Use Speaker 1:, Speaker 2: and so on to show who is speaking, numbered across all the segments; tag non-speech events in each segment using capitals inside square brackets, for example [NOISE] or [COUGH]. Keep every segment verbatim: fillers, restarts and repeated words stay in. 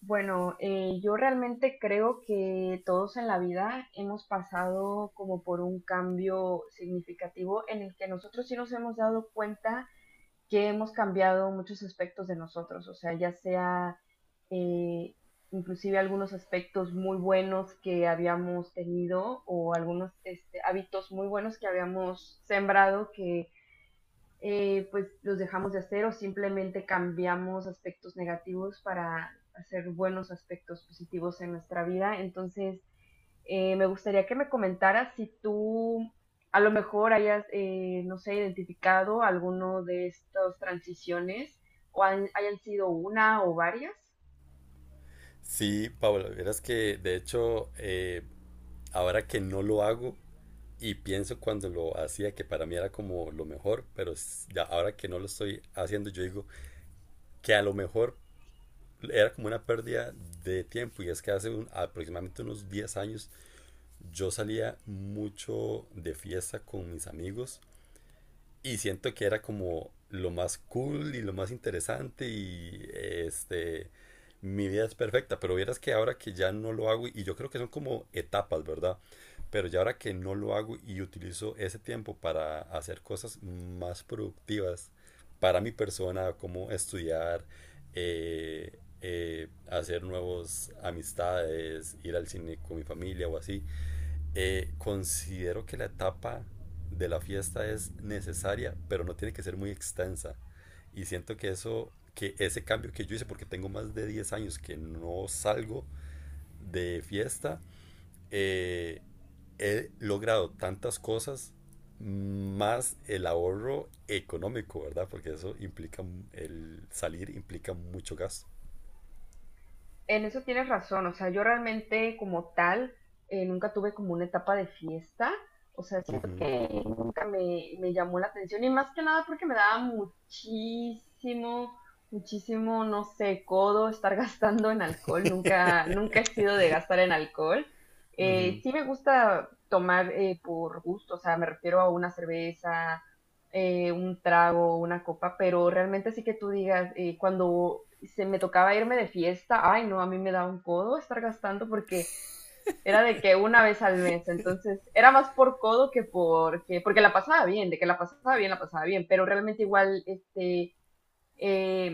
Speaker 1: Bueno, eh, yo realmente creo que todos en la vida hemos pasado como por un cambio significativo en el que nosotros sí nos hemos dado cuenta que hemos cambiado muchos aspectos de nosotros, o sea, ya sea eh, inclusive algunos aspectos muy buenos que habíamos tenido o algunos este, hábitos muy buenos que habíamos sembrado que eh, pues los dejamos de hacer o simplemente cambiamos aspectos negativos para hacer buenos aspectos positivos en nuestra vida. Entonces, eh, me gustaría que me comentaras si tú a lo mejor hayas, eh, no sé, identificado alguno de estas transiciones o han- hayan sido una o varias.
Speaker 2: Sí, Paula, verás que de hecho eh, ahora que no lo hago y pienso cuando lo hacía que para mí era como lo mejor, pero s- ya ahora que no lo estoy haciendo yo digo que a lo mejor era como una pérdida de tiempo y es que hace un- aproximadamente unos diez años yo salía mucho de fiesta con mis amigos. Y siento que era como lo más cool y lo más interesante y este, mi vida es perfecta, pero vieras que ahora que ya no lo hago, y yo creo que son como etapas, ¿verdad? Pero ya ahora que no lo hago y utilizo ese tiempo para hacer cosas más productivas para mi persona, como estudiar, eh, eh, hacer nuevas amistades, ir al cine con mi familia o así, eh, considero que la etapa de la fiesta es necesaria, pero no tiene que ser muy extensa. Y siento que eso, que ese cambio que yo hice, porque tengo más de diez años que no salgo de fiesta, eh, he logrado tantas cosas más el ahorro económico, ¿verdad? Porque eso implica, el salir implica mucho gasto.
Speaker 1: En eso tienes razón, o sea, yo realmente como tal eh, nunca tuve como una etapa de fiesta, o sea, sí
Speaker 2: Uh -huh.
Speaker 1: nunca me, me llamó la atención y más que nada porque me daba muchísimo, muchísimo, no sé, codo estar [LAUGHS] gastando en alcohol. Nunca, nunca he sido de gastar en alcohol. Eh, sí me gusta tomar eh, por gusto, o sea, me refiero a una cerveza, eh, un trago, una copa, pero realmente sí que tú digas, eh, cuando se me tocaba irme de fiesta, ay no, a mí me da un codo estar gastando porque era de que una vez al mes, entonces era más por codo que porque, porque la pasaba bien, de que la pasaba bien, la pasaba bien, pero realmente igual, este, eh,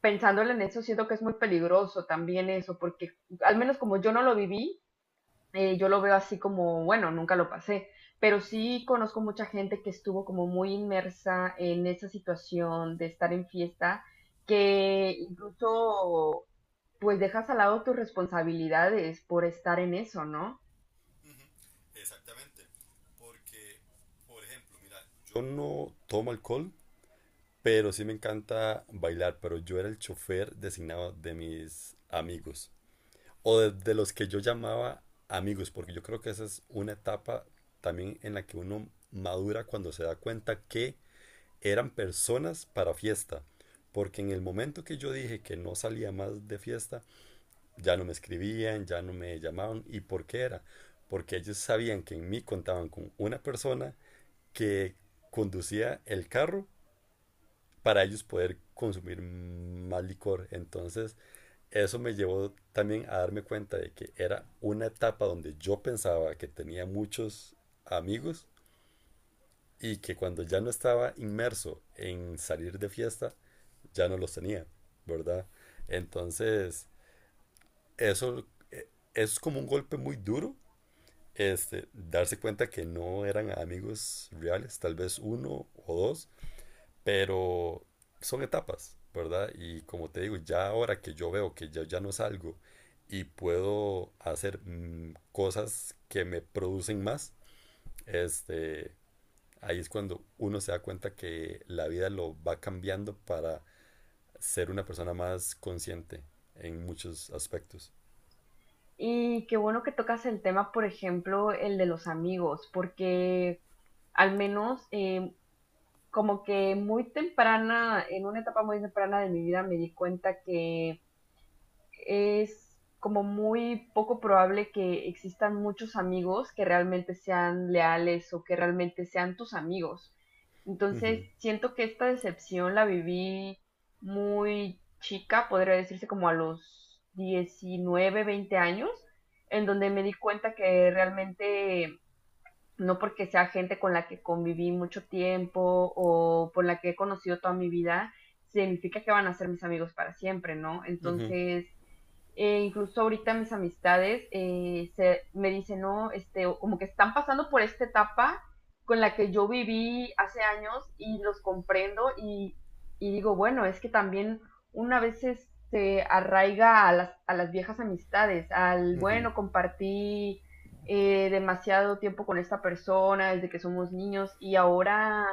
Speaker 1: pensándole en eso, siento que es muy peligroso también eso, porque al menos como yo no lo viví, eh, yo lo veo así como, bueno, nunca lo pasé, pero sí conozco mucha gente que estuvo como muy inmersa en esa situación de estar en fiesta, que incluso pues dejas al lado tus responsabilidades por estar en eso, ¿no?
Speaker 2: Porque, por ejemplo, mira, yo no tomo alcohol, pero sí me encanta bailar, pero yo era el chofer designado de mis amigos o de, de los que yo llamaba amigos, porque yo creo que esa es una etapa también en la que uno madura cuando se da cuenta que eran personas para fiesta. Porque en el momento que yo dije que no salía más de fiesta, ya no me escribían, ya no me llamaban. ¿Y por qué era? Porque ellos sabían que en mí contaban con una persona que conducía el carro para ellos poder consumir más licor. Entonces, eso me llevó también a darme cuenta de que era una etapa donde yo pensaba que tenía muchos amigos y que cuando ya no estaba inmerso en salir de fiesta, ya no los tenía, ¿verdad? Entonces, eso eh, es como un golpe muy duro, este, darse cuenta que no eran amigos reales, tal vez uno o dos, pero son etapas, ¿verdad? Y como te digo, ya ahora que yo veo que ya, ya no salgo y puedo hacer mm, cosas que me producen más, este, ahí es cuando uno se da cuenta que la vida lo va cambiando para ser una persona más consciente en muchos aspectos.
Speaker 1: Y qué bueno que tocas el tema, por ejemplo, el de los amigos, porque al menos eh, como que muy temprana, en una etapa muy temprana de mi vida me di cuenta que es como muy poco probable que existan muchos amigos que realmente sean leales o que realmente sean tus amigos. Entonces,
Speaker 2: Ujú,
Speaker 1: siento que esta decepción la viví muy chica, podría decirse como a los diecinueve veinte años, en donde me di cuenta que realmente no porque sea gente con la que conviví mucho tiempo o por la que he conocido toda mi vida, significa que van a ser mis amigos para siempre, ¿no?
Speaker 2: ujú,
Speaker 1: Entonces, eh, incluso ahorita mis amistades eh, se, me dicen, no, este, como que están pasando por esta etapa con la que yo viví hace años y los comprendo y, y digo, bueno, es que también una vez se arraiga a las, a las viejas amistades, al,
Speaker 2: ujú.
Speaker 1: bueno, compartí eh, demasiado tiempo con esta persona desde que somos niños y ahora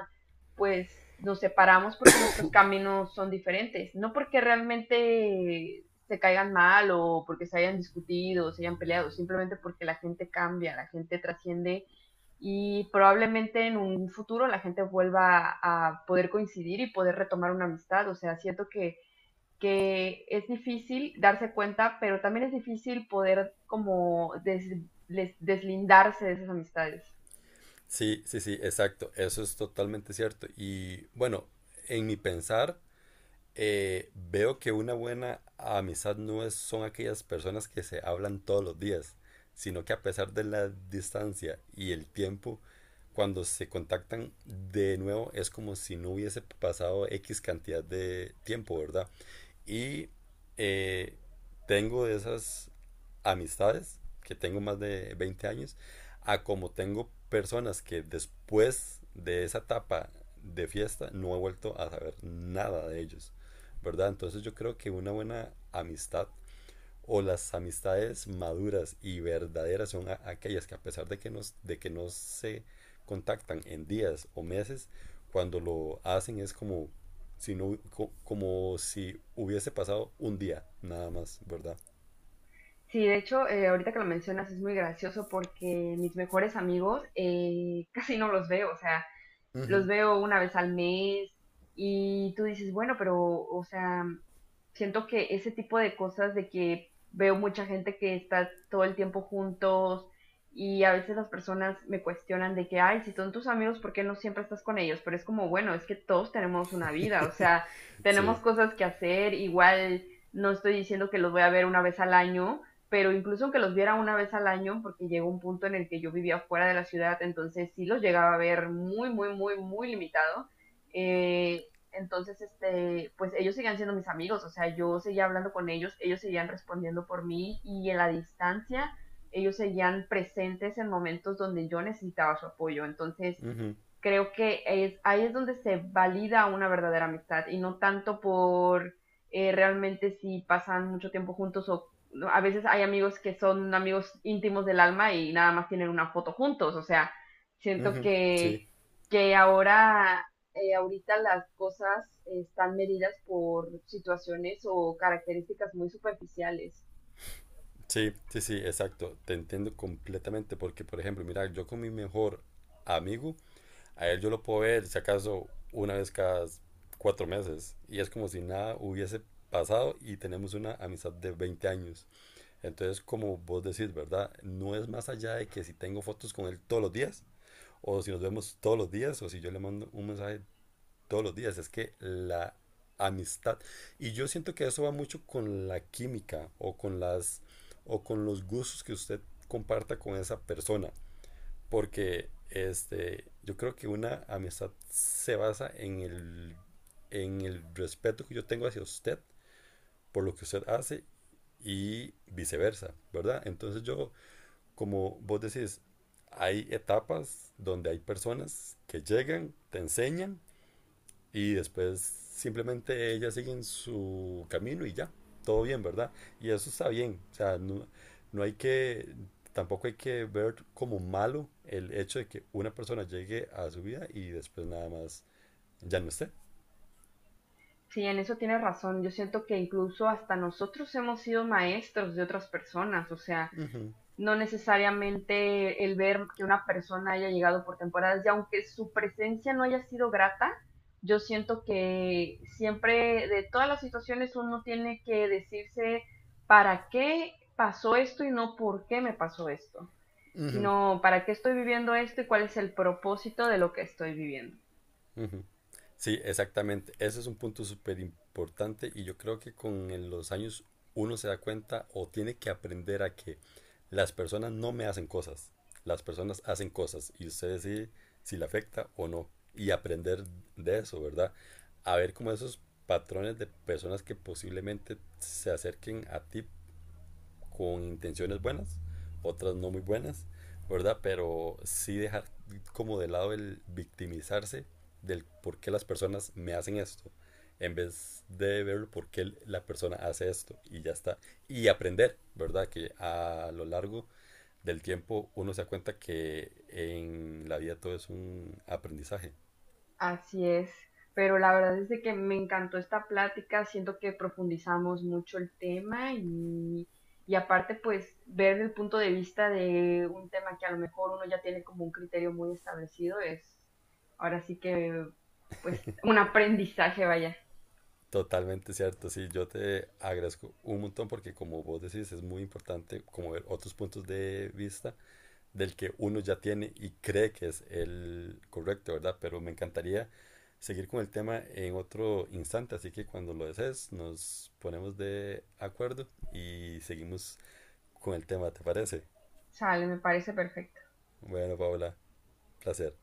Speaker 1: pues nos separamos porque nuestros caminos son diferentes, no porque realmente se caigan mal o porque se hayan discutido o se hayan peleado, simplemente porque la gente cambia, la gente trasciende y probablemente en un futuro la gente vuelva a poder coincidir y poder retomar una amistad. O sea, siento que, que es difícil darse cuenta, pero también es difícil poder como des- les- deslindarse de esas amistades.
Speaker 2: Sí, sí, sí, exacto. Eso es totalmente cierto. Y bueno, en mi pensar, Eh, veo que una buena amistad no es, son aquellas personas que se hablan todos los días, sino que a pesar de la distancia y el tiempo, cuando se contactan de nuevo es como si no hubiese pasado X cantidad de tiempo, ¿verdad? Y eh, tengo de esas amistades, que tengo más de veinte años, a como tengo personas que después de esa etapa de fiesta no he vuelto a saber nada de ellos, ¿verdad? Entonces yo creo que una buena amistad o las amistades maduras y verdaderas son aquellas que a pesar de que, nos, de que no se contactan en días o meses, cuando lo hacen es como si, no, hu- co- como si hubiese pasado un día nada más, ¿verdad?
Speaker 1: Sí, de hecho, eh, ahorita que lo mencionas es muy gracioso porque mis mejores amigos eh, [LAUGHS] casi no los veo, o sea, los
Speaker 2: Ujú.
Speaker 1: veo una vez al mes y tú dices, bueno, pero, o sea, siento que ese tipo de cosas de que veo mucha gente que está todo el tiempo juntos y a veces las personas me cuestionan de que, ay, si son tus amigos, ¿por qué no siempre estás con ellos? Pero es como, bueno, es que todos tenemos una vida, o sea, tenemos
Speaker 2: Sí,
Speaker 1: cosas que hacer, igual no estoy diciendo que los voy a ver una vez al año pero incluso aunque los viera una vez al año, porque llegó un punto en el que yo vivía fuera de la ciudad, entonces sí los llegaba a ver muy, muy, muy, muy limitado. Eh, entonces, este, pues ellos seguían siendo mis amigos, o sea, yo seguía hablando con ellos, ellos seguían respondiendo por mí y en la distancia ellos seguían presentes en momentos donde yo necesitaba su apoyo. Entonces,
Speaker 2: ujú,
Speaker 1: creo que es, ahí es donde se valida una verdadera amistad y no tanto por eh, realmente si pasan mucho tiempo juntos o no, a veces hay amigos que son amigos íntimos del alma y nada más tienen una foto juntos, o sea, siento
Speaker 2: ujú,
Speaker 1: que,
Speaker 2: sí,
Speaker 1: que ahora, eh, ahorita las cosas están medidas por situaciones o características muy superficiales.
Speaker 2: sí, sí, sí, exacto. Te entiendo completamente porque, por ejemplo, mira, yo con mi mejor amigo, a él yo lo puedo ver, si acaso, una vez cada cuatro meses. Y es como si nada hubiese pasado y tenemos una amistad de veinte años. Entonces, como vos decís, ¿verdad? No es más allá de que si tengo fotos con él todos los días, o si nos vemos todos los días, o si yo le mando un mensaje todos los días. Es que la amistad. Y yo siento que eso va mucho con la química o con las o con los gustos que usted comparta con esa persona. Porque este, yo creo que una amistad se basa en el, en el respeto que yo tengo hacia usted por lo que usted hace y viceversa, ¿verdad? Entonces yo, como vos decís, hay etapas donde hay personas que llegan, te enseñan y después simplemente ellas siguen su camino y ya, todo bien, ¿verdad? Y eso está bien, o sea, no, no hay que, tampoco hay que ver como malo el hecho de que una persona llegue a su vida y después nada más ya no esté.
Speaker 1: Sí, en eso tienes razón, yo siento que incluso hasta nosotros hemos sido maestros de otras personas, o sea, no necesariamente el ver que una persona haya llegado por temporadas y aunque su presencia no haya sido grata, yo siento que siempre de todas las situaciones uno tiene que decirse para qué pasó esto y no por qué me pasó esto, sino para qué estoy viviendo esto y cuál es el propósito de lo que estoy viviendo.
Speaker 2: Ujú. Sí, exactamente. Ese es un punto súper importante y yo creo que con el- los años uno se da cuenta o tiene que aprender a que las personas no me hacen cosas, las personas hacen cosas y usted decide si le afecta o no y aprender de eso, ¿verdad? A ver como esos patrones de personas que posiblemente se acerquen a ti con intenciones buenas, otras no muy buenas, ¿verdad? Pero sí dejar como de lado el victimizarse del por qué las personas me hacen esto, en vez de ver por qué la persona hace esto y ya está. Y aprender, ¿verdad? Que a lo largo del tiempo uno se da cuenta que en la vida todo es un aprendizaje.
Speaker 1: Así es, pero la verdad es de que me encantó esta plática, siento que profundizamos mucho el tema y, y aparte pues ver el punto de vista de un tema que a lo mejor uno ya tiene como un criterio muy establecido es ahora sí que pues un aprendizaje, vaya.
Speaker 2: Totalmente cierto, sí, yo te agradezco un montón porque como vos decís es muy importante como ver otros puntos de vista del que uno ya tiene y cree que es el correcto, ¿verdad? Pero me encantaría seguir con el tema en otro instante, así que cuando lo desees nos ponemos de acuerdo y seguimos con el tema, ¿te parece?
Speaker 1: Sale, me parece perfecto.
Speaker 2: Bueno, Paola, placer.